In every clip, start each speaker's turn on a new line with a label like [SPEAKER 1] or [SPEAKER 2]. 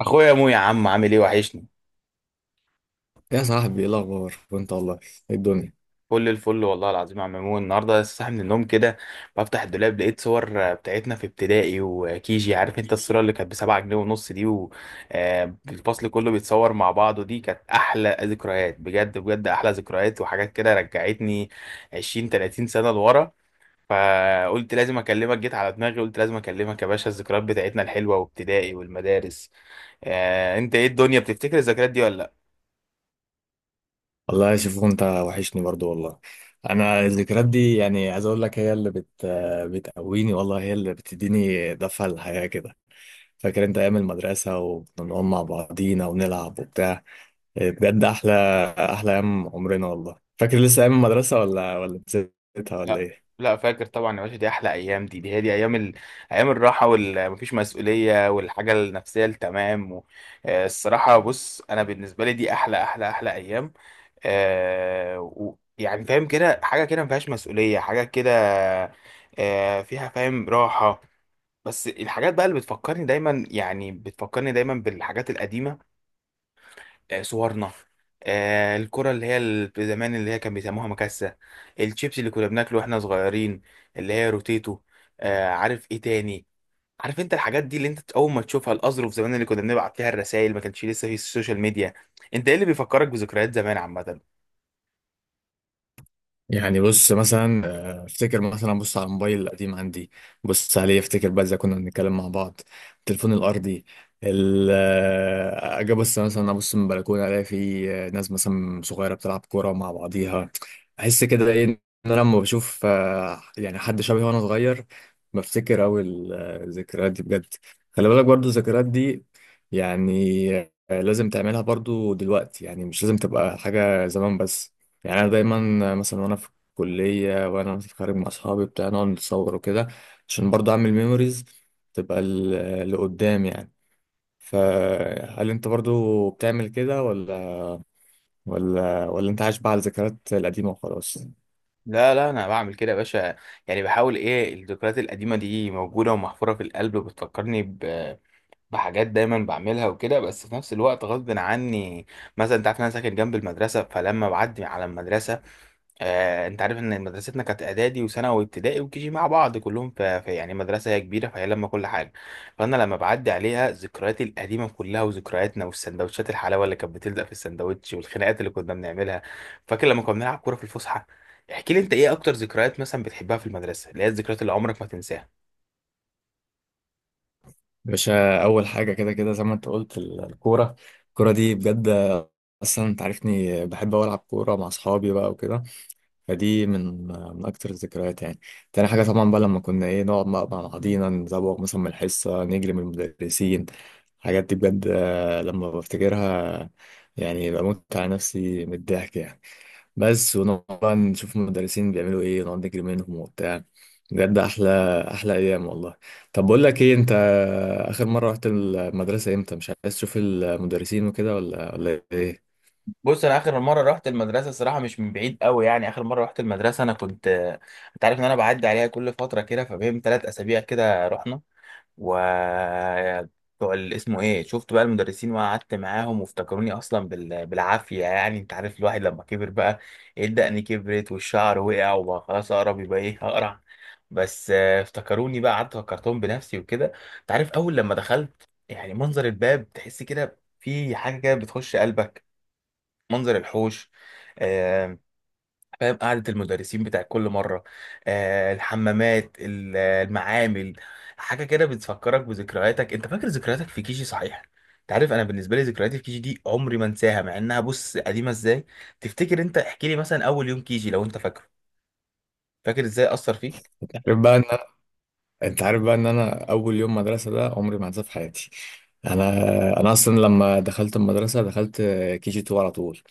[SPEAKER 1] اخويا مو، يا عم، عامل ايه؟ وحشني.
[SPEAKER 2] يا صاحبي، ايه الاخبار وانت والله؟ ايه الدنيا؟
[SPEAKER 1] فل الفل والله العظيم يا عم مو. النهارده لسه صاحي من النوم كده، بفتح الدولاب لقيت صور بتاعتنا في ابتدائي وكيجي. عارف انت الصوره اللي كانت بسبعة جنيه ونص دي، والفصل كله بيتصور مع بعضه. دي كانت احلى ذكريات، بجد بجد، احلى ذكريات، وحاجات كده رجعتني 20 30 سنه لورا. فقلت لازم اكلمك، جيت على دماغي قلت لازم اكلمك يا باشا. الذكريات بتاعتنا الحلوه، وابتدائي والمدارس. انت ايه الدنيا؟ بتفتكر الذكريات دي ولا؟
[SPEAKER 2] والله شوف، انت وحشني برضو والله. انا الذكريات دي يعني عايز اقول لك هي اللي بتقويني والله، هي اللي بتديني دفعه للحياه كده. فاكر انت ايام المدرسه وكنا بنقعد مع بعضينا ونلعب وبتاع؟ إيه، بجد احلى ايام عمرنا والله. فاكر لسه ايام المدرسه ولا نسيتها ولا
[SPEAKER 1] لا،
[SPEAKER 2] ايه؟
[SPEAKER 1] لا، فاكر طبعا يا باشا، دي احلى ايام، دي هي دي ايام ايام الراحه، والمفيش مسؤوليه، والحاجه النفسيه التمام، الصراحه، بص، انا بالنسبه لي دي احلى احلى احلى ايام. يعني فاهم كده؟ حاجه كده مفيهاش مسؤوليه، حاجه كده. فيها، فاهم؟ راحه. بس الحاجات بقى اللي بتفكرني دايما، يعني بتفكرني دايما بالحاجات القديمه. صورنا. الكرة اللي هي زمان، اللي هي كان بيسموها مكاسة. الشيبس اللي كنا بناكله واحنا صغيرين، اللي هي روتيتو. عارف ايه تاني؟ عارف انت الحاجات دي اللي انت اول ما تشوفها؟ الاظرف زمان اللي كنا بنبعت فيها الرسائل، ما كانش لسه في السوشيال ميديا. انت ايه اللي بيفكرك بذكريات زمان عامة؟
[SPEAKER 2] يعني بص مثلا، افتكر مثلا، بص على الموبايل القديم عندي، بص عليه افتكر بقى ازاي كنا بنتكلم مع بعض. التليفون الارضي. اجي بص مثلا، ابص من البلكونه الاقي في ناس مثلا صغيره بتلعب كوره مع بعضيها. احس كده ايه، ان انا لما بشوف يعني حد شبهي وانا صغير بفتكر اوي الذكريات دي بجد. خلي بالك برضو الذكريات دي يعني، لازم تعملها برضو دلوقتي، يعني مش لازم تبقى حاجه زمان بس. يعني انا دايما مثلا وانا في الكليه، وانا مثلا خارج مع اصحابي بتاع نقعد نتصور وكده، عشان برضه اعمل ميموريز تبقى لقدام يعني. فهل انت برضه بتعمل كده، ولا انت عايش بقى على الذكريات القديمه وخلاص؟
[SPEAKER 1] لا، لا، انا بعمل كده يا باشا. يعني بحاول، ايه، الذكريات القديمة دي موجودة ومحفورة في القلب، بتفكرني بحاجات دايما بعملها وكده، بس في نفس الوقت غصب عني. مثلا انت عارف ان انا ساكن جنب المدرسه، فلما بعدي على المدرسه، انت عارف ان مدرستنا كانت اعدادي وثانوي وابتدائي وكيجي مع بعض، كلهم في يعني مدرسه هي كبيره، فهي لما كل حاجه. فانا لما بعدي عليها ذكرياتي القديمه كلها وذكرياتنا، والسندوتشات، الحلاوه اللي كانت بتلزق في السندوتش، والخناقات اللي كنا بنعملها. فاكر لما كنا بنلعب كوره في الفسحه. احكي لي، انت ايه اكتر ذكريات مثلا بتحبها في المدرسه، اللي هي الذكريات اللي عمرك ما تنساها؟
[SPEAKER 2] باشا، اول حاجه كده كده زي ما انت قلت الكوره. الكوره دي بجد، اصلا انت عارفني بحب أوي العب كوره مع اصحابي بقى وكده، فدي من من اكتر الذكريات يعني. تاني حاجه طبعا بقى لما كنا ايه نقعد مع بعضينا، نزوغ مثلا من الحصه، نجري من المدرسين. الحاجات دي بجد، لما بفتكرها يعني بموت على نفسي من الضحك يعني. بس ونقعد بقى نشوف المدرسين بيعملوا ايه، ونقعد نجري منهم وبتاع. بجد احلى ايام والله. طب بقول لك ايه، انت اخر مره رحت المدرسه امتى؟ مش عايز تشوف المدرسين وكده ولا ايه؟
[SPEAKER 1] بص، انا اخر مره رحت المدرسه الصراحه مش من بعيد قوي، يعني اخر مره رحت المدرسه انا كنت، انت عارف ان انا بعدي عليها كل فتره كده، فبين 3 اسابيع كده رحنا، و بتوع اسمه ايه، شفت بقى المدرسين وقعدت معاهم وافتكروني اصلا بالعافيه. يعني انت عارف الواحد لما كبر بقى، إيه، الدقن كبرت والشعر وقع وبقى خلاص اقرب يبقى ايه اقرع. بس افتكروني بقى، قعدت فكرتهم بنفسي وكده. انت عارف؟ اول لما دخلت، يعني منظر الباب، تحس كده في حاجه كده بتخش قلبك، منظر الحوش. آه، فاهم؟ قعدة المدرسين بتاع كل مرة. الحمامات المعامل. حاجة كده بتفكرك بذكرياتك. انت فاكر ذكرياتك في كيجي صحيح؟ انت عارف، انا بالنسبة لي ذكرياتي في كيجي دي عمري ما انساها، مع انها، بص، قديمة ازاي. تفتكر انت؟ احكي لي مثلا اول يوم كيجي لو انت فاكره، فاكر ازاي اثر فيك؟
[SPEAKER 2] عارف بقى ان، انت عارف بقى ان انا اول يوم مدرسه ده عمري ما هنساه في حياتي. انا انا اصلا لما دخلت المدرسه دخلت كي جي 2 على طول،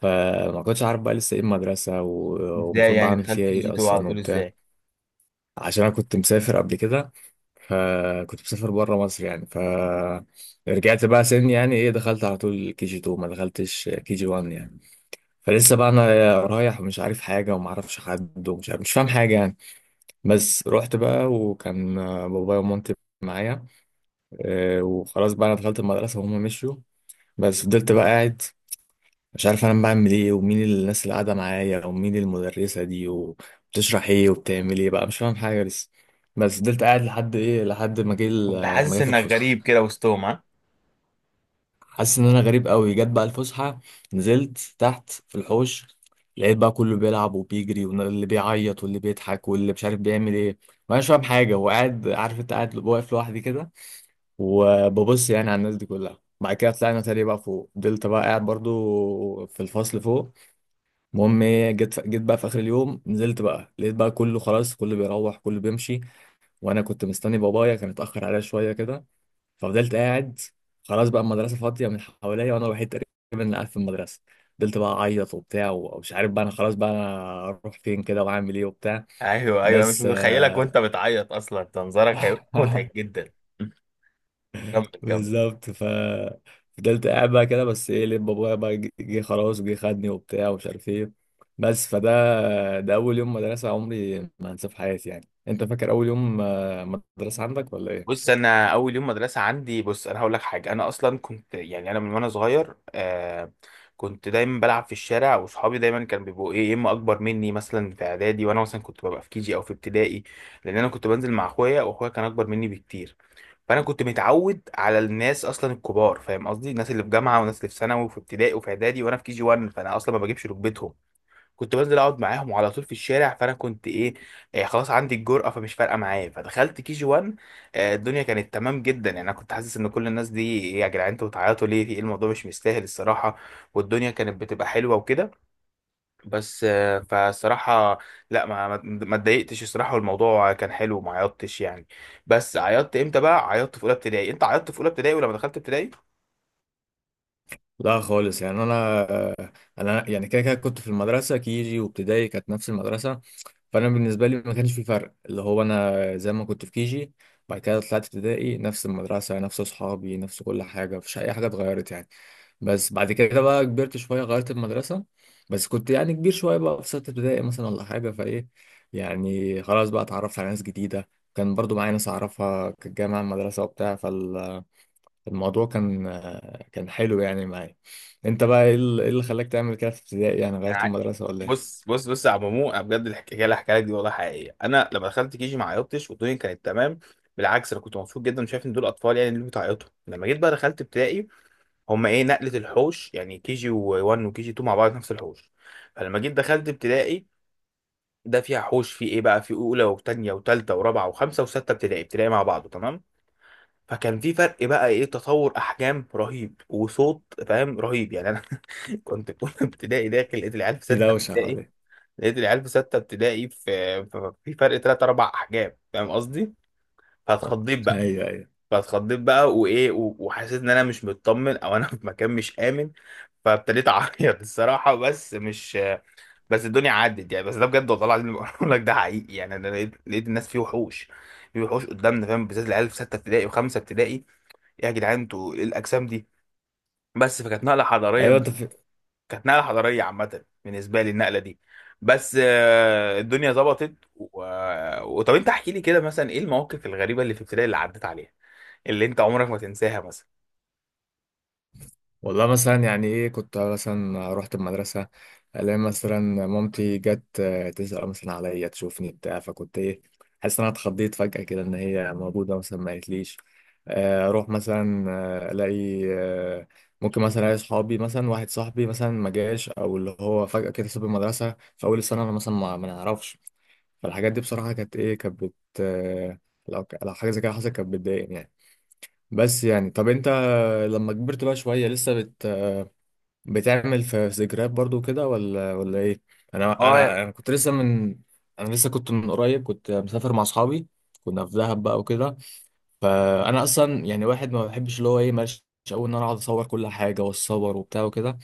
[SPEAKER 2] فما كنتش عارف بقى لسه ايه المدرسه
[SPEAKER 1] ازاي
[SPEAKER 2] ومفروض
[SPEAKER 1] يعني
[SPEAKER 2] بعمل
[SPEAKER 1] دخلت
[SPEAKER 2] فيها
[SPEAKER 1] كيجي
[SPEAKER 2] ايه
[SPEAKER 1] 2 على
[SPEAKER 2] اصلا
[SPEAKER 1] طول؟
[SPEAKER 2] وبتاع.
[SPEAKER 1] ازاي؟
[SPEAKER 2] عشان انا كنت مسافر قبل كده، فكنت مسافر بره مصر يعني. ف رجعت بقى سن يعني ايه، دخلت على طول كي جي 2، ما دخلتش كي جي 1 يعني. فلسه بقى انا رايح، مش عارف حاجه، وما اعرفش حد، ومش عارف مش فاهم حاجه يعني. بس رحت بقى وكان بابايا ومامتي معايا، وخلاص بقى انا دخلت المدرسه وهم مشيوا. بس فضلت بقى قاعد، مش عارف انا بعمل ايه، ومين الناس اللي قاعده معايا، ومين المدرسه دي، وبتشرح ايه وبتعمل ايه بقى، مش فاهم حاجه لسه. بس فضلت قاعد لحد ايه، لحد ما
[SPEAKER 1] كنت
[SPEAKER 2] ما
[SPEAKER 1] حاسس
[SPEAKER 2] جت
[SPEAKER 1] انك
[SPEAKER 2] الفسحه.
[SPEAKER 1] غريب كده وسطهم، ها؟
[SPEAKER 2] حاسس ان انا غريب قوي. جت بقى الفسحه، نزلت تحت في الحوش، لقيت بقى كله بيلعب وبيجري، واللي بيعيط، واللي بيضحك، واللي مش عارف بيعمل ايه. ما انا مش فاهم حاجه، وقاعد، عارف انت، قاعد واقف لوحدي كده، وببص يعني على الناس دي كلها. بعد كده طلعنا تاني بقى فوق، فضلت بقى قاعد برضو في الفصل فوق. المهم ايه، جيت بقى في اخر اليوم، نزلت بقى لقيت بقى كله خلاص، كله بيروح، كله بيمشي، وانا كنت مستني بابايا كان اتاخر عليا شويه كده. ففضلت قاعد. خلاص بقى المدرسه فاضيه من حواليا، وانا الوحيد تقريبا اللي قاعد في المدرسه. فضلت بقى اعيط وبتاع، ومش عارف بقى انا خلاص بقى انا اروح فين كده واعمل ايه وبتاع.
[SPEAKER 1] ايوه، ايوه، مش
[SPEAKER 2] بس
[SPEAKER 1] متخيلك وانت بتعيط، اصلا ده منظرك هيبقى متعب جدا. كمل، كمل.
[SPEAKER 2] بالظبط. ف فضلت قاعد بقى كده، بس ايه لب بابايا بقى جه، خلاص وجه خدني وبتاع، ومش عارف ايه. بس فده، ده اول يوم مدرسة عمري ما هنساه في حياتي يعني. انت فاكر اول يوم مدرسة عندك ولا ايه؟
[SPEAKER 1] بص، انا اول يوم مدرسه عندي، بص انا هقول لك حاجه، انا اصلا كنت، يعني انا من وانا صغير، كنت دايما بلعب في الشارع، واصحابي دايما كانوا بيبقوا، ايه، يا اما اكبر مني مثلا في اعدادي وانا مثلا كنت ببقى في كيجي او في ابتدائي. لان انا كنت بنزل مع اخويا، واخويا كان اكبر مني بكتير. فانا كنت متعود على الناس اصلا الكبار، فاهم قصدي؟ الناس اللي في جامعه، والناس اللي في ثانوي وفي ابتدائي وفي اعدادي وانا في كيجي 1، فانا اصلا ما بجيبش ركبتهم. كنت بنزل اقعد معاهم على طول في الشارع، فانا كنت، ايه، خلاص، عندي الجرأة، فمش فارقة معايا، فدخلت كي جي 1. الدنيا كانت تمام جدا، يعني انا كنت حاسس ان كل الناس دي، إيه يا جدعان، انتوا بتعيطوا ليه؟ في ايه؟ الموضوع مش مستاهل الصراحة. والدنيا كانت بتبقى حلوة وكده. بس فالصراحة، لا، ما اتضايقتش الصراحة، والموضوع كان حلو وما عيطتش يعني. بس عيطت امتى بقى؟ عيطت في اولى ابتدائي. انت عيطت في اولى ابتدائي ولما دخلت ابتدائي؟
[SPEAKER 2] لا خالص، يعني انا يعني كده كده كنت في المدرسه، كيجي وابتدائي كانت نفس المدرسه، فانا بالنسبه لي ما كانش في فرق، اللي هو انا زي ما كنت في كيجي. بعد كده طلعت ابتدائي، نفس المدرسه، نفس اصحابي، نفس كل حاجه، مفيش اي حاجه اتغيرت يعني. بس بعد كده بقى كبرت شويه، غيرت المدرسه. بس كنت يعني كبير شويه بقى في سته ابتدائي مثلا، ولا حاجه فايه، يعني خلاص بقى اتعرفت على ناس جديده. كان برضو معايا ناس اعرفها كانت جايه معايا المدرسه وبتاع. فالموضوع كان كان حلو يعني معايا. انت بقى ايه اللي إيه اللي خلاك تعمل كده في ابتدائي، يعني غيرت المدرسه ولا ايه؟
[SPEAKER 1] بص، بص، بص، يا عم مو، أنا بجد الحكايه اللي هحكيها لك دي والله حقيقيه. انا لما دخلت كيجي ما عيطتش والدنيا كانت تمام. بالعكس، انا كنت مبسوط جدا وشايف ان دول اطفال يعني اللي بتعيطوا. لما جيت بقى دخلت ابتدائي، هم، ايه، نقله، الحوش يعني كيجي 1 وكيجي 2 مع بعض نفس الحوش. فلما جيت دخلت ابتدائي، ده فيها حوش في ايه بقى، في اولى وثانيه وثالثه ورابعه وخمسه وسته ابتدائي، ابتدائي مع بعضه تمام. فكان في فرق بقى، ايه، تطور احجام رهيب وصوت، فاهم؟ رهيب يعني انا، كنت في اولى ابتدائي، داخل لقيت العيال في
[SPEAKER 2] في
[SPEAKER 1] سته
[SPEAKER 2] دوشه
[SPEAKER 1] ابتدائي.
[SPEAKER 2] حواليك.
[SPEAKER 1] لقيت العيال في ستة ابتدائي، في فرق تلات أربع أحجام، فاهم قصدي؟ فاتخضيت بقى،
[SPEAKER 2] ايوه، ايوه،
[SPEAKER 1] فاتخضيت بقى، وإيه وحسيت إن أنا مش مطمن، أو أنا في مكان مش آمن. فابتديت أعيط الصراحة، بس مش بس الدنيا عدت يعني، بس ده بجد والله العظيم اللي بقول لك ده حقيقي، يعني أنا لقيت الناس فيه وحوش. فيه وحوش قدامنا، فاهم؟ بالذات العيال في ستة ابتدائي وخمسة ابتدائي، إيه يا جدعان، أنتوا إيه الأجسام دي؟ بس فكانت نقلة
[SPEAKER 2] ايوه.
[SPEAKER 1] حضارية،
[SPEAKER 2] انت في...
[SPEAKER 1] كانت نقله حضاريه عامه بالنسبه لي النقله دي. بس الدنيا ظبطت و... آه، وطب انت احكي لي كده، مثلا ايه المواقف الغريبه اللي في ابتدائي اللي عدت عليها اللي انت عمرك ما تنساها مثلا؟
[SPEAKER 2] والله مثلا يعني ايه، كنت مثلا رحت المدرسه الاقي مثلا مامتي جت، تسال مثلا عليا تشوفني بتاع فكنت ايه حاسس ان انا اتخضيت فجاه كده ان هي موجوده مثلا، ما قالتليش. اروح مثلا، آه، الاقي آه، ممكن مثلا الاقي صحابي، مثلا واحد صاحبي مثلا ما جاش، او اللي هو فجاه كده ساب المدرسه في اول السنه، انا مثلا ما ما نعرفش. فالحاجات دي بصراحه كانت ايه، كانت بت آه، لو حاجه زي كده حصلت كانت بتضايقني يعني. بس يعني طب انت لما كبرت بقى شوية لسه، بتعمل في ذكريات برضو كده ولا ايه؟ انا
[SPEAKER 1] اه
[SPEAKER 2] انا انا كنت لسه من، انا لسه كنت من قريب كنت مسافر مع اصحابي، كنا في دهب بقى وكده. فانا اصلا يعني واحد ما بحبش اللي هو ايه، ماشي قوي ان انا اقعد اصور كل حاجه واتصور وبتاع وكده.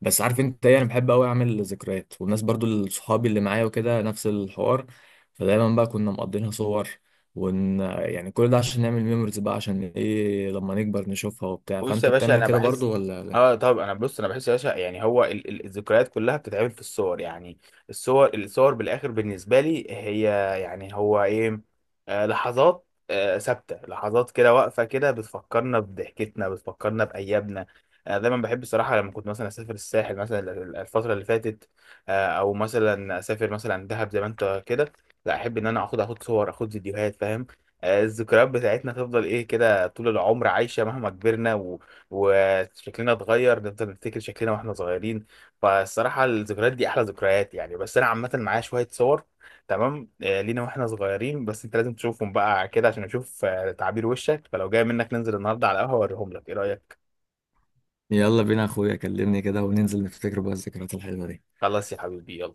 [SPEAKER 2] بس عارف انت ايه، انا بحب قوي اعمل ذكريات، والناس برضو صحابي اللي معايا وكده نفس الحوار. فدايما بقى كنا مقضينها صور ون يعني، كل ده عشان نعمل ميموريز بقى، عشان ايه لما نكبر نشوفها وبتاع.
[SPEAKER 1] بص يا
[SPEAKER 2] فانت
[SPEAKER 1] باشا
[SPEAKER 2] بتعمل
[SPEAKER 1] انا
[SPEAKER 2] كده
[SPEAKER 1] بحس،
[SPEAKER 2] برضو ولا؟
[SPEAKER 1] اه طب انا، بص، انا بحس يا باشا، يعني هو الذكريات كلها بتتعمل في الصور يعني. الصور بالاخر بالنسبه لي هي، يعني هو ايه، لحظات ثابته، لحظات كده واقفه كده، بتفكرنا بضحكتنا، بتفكرنا بايامنا. انا دايما بحب الصراحه، لما كنت مثلا اسافر الساحل مثلا الفتره اللي فاتت، او مثلا اسافر مثلا دهب زي ما انت كده. لا، احب ان انا اخد صور، اخد فيديوهات، فاهم؟ الذكريات بتاعتنا تفضل، ايه، كده طول العمر عايشة مهما كبرنا وشكلنا اتغير، نفضل نفتكر شكلنا واحنا صغيرين. فالصراحة الذكريات دي أحلى ذكريات يعني، بس أنا عامة معايا شوية صور تمام لينا واحنا صغيرين، بس أنت لازم تشوفهم بقى كده، عشان أشوف تعابير وشك. فلو جاي منك ننزل النهاردة على القهوة أوريهم لك، إيه رأيك؟
[SPEAKER 2] يلا بينا يا اخويا، كلمني كده وننزل نفتكر بقى الذكريات الحلوة دي.
[SPEAKER 1] خلاص يا حبيبي، يلا.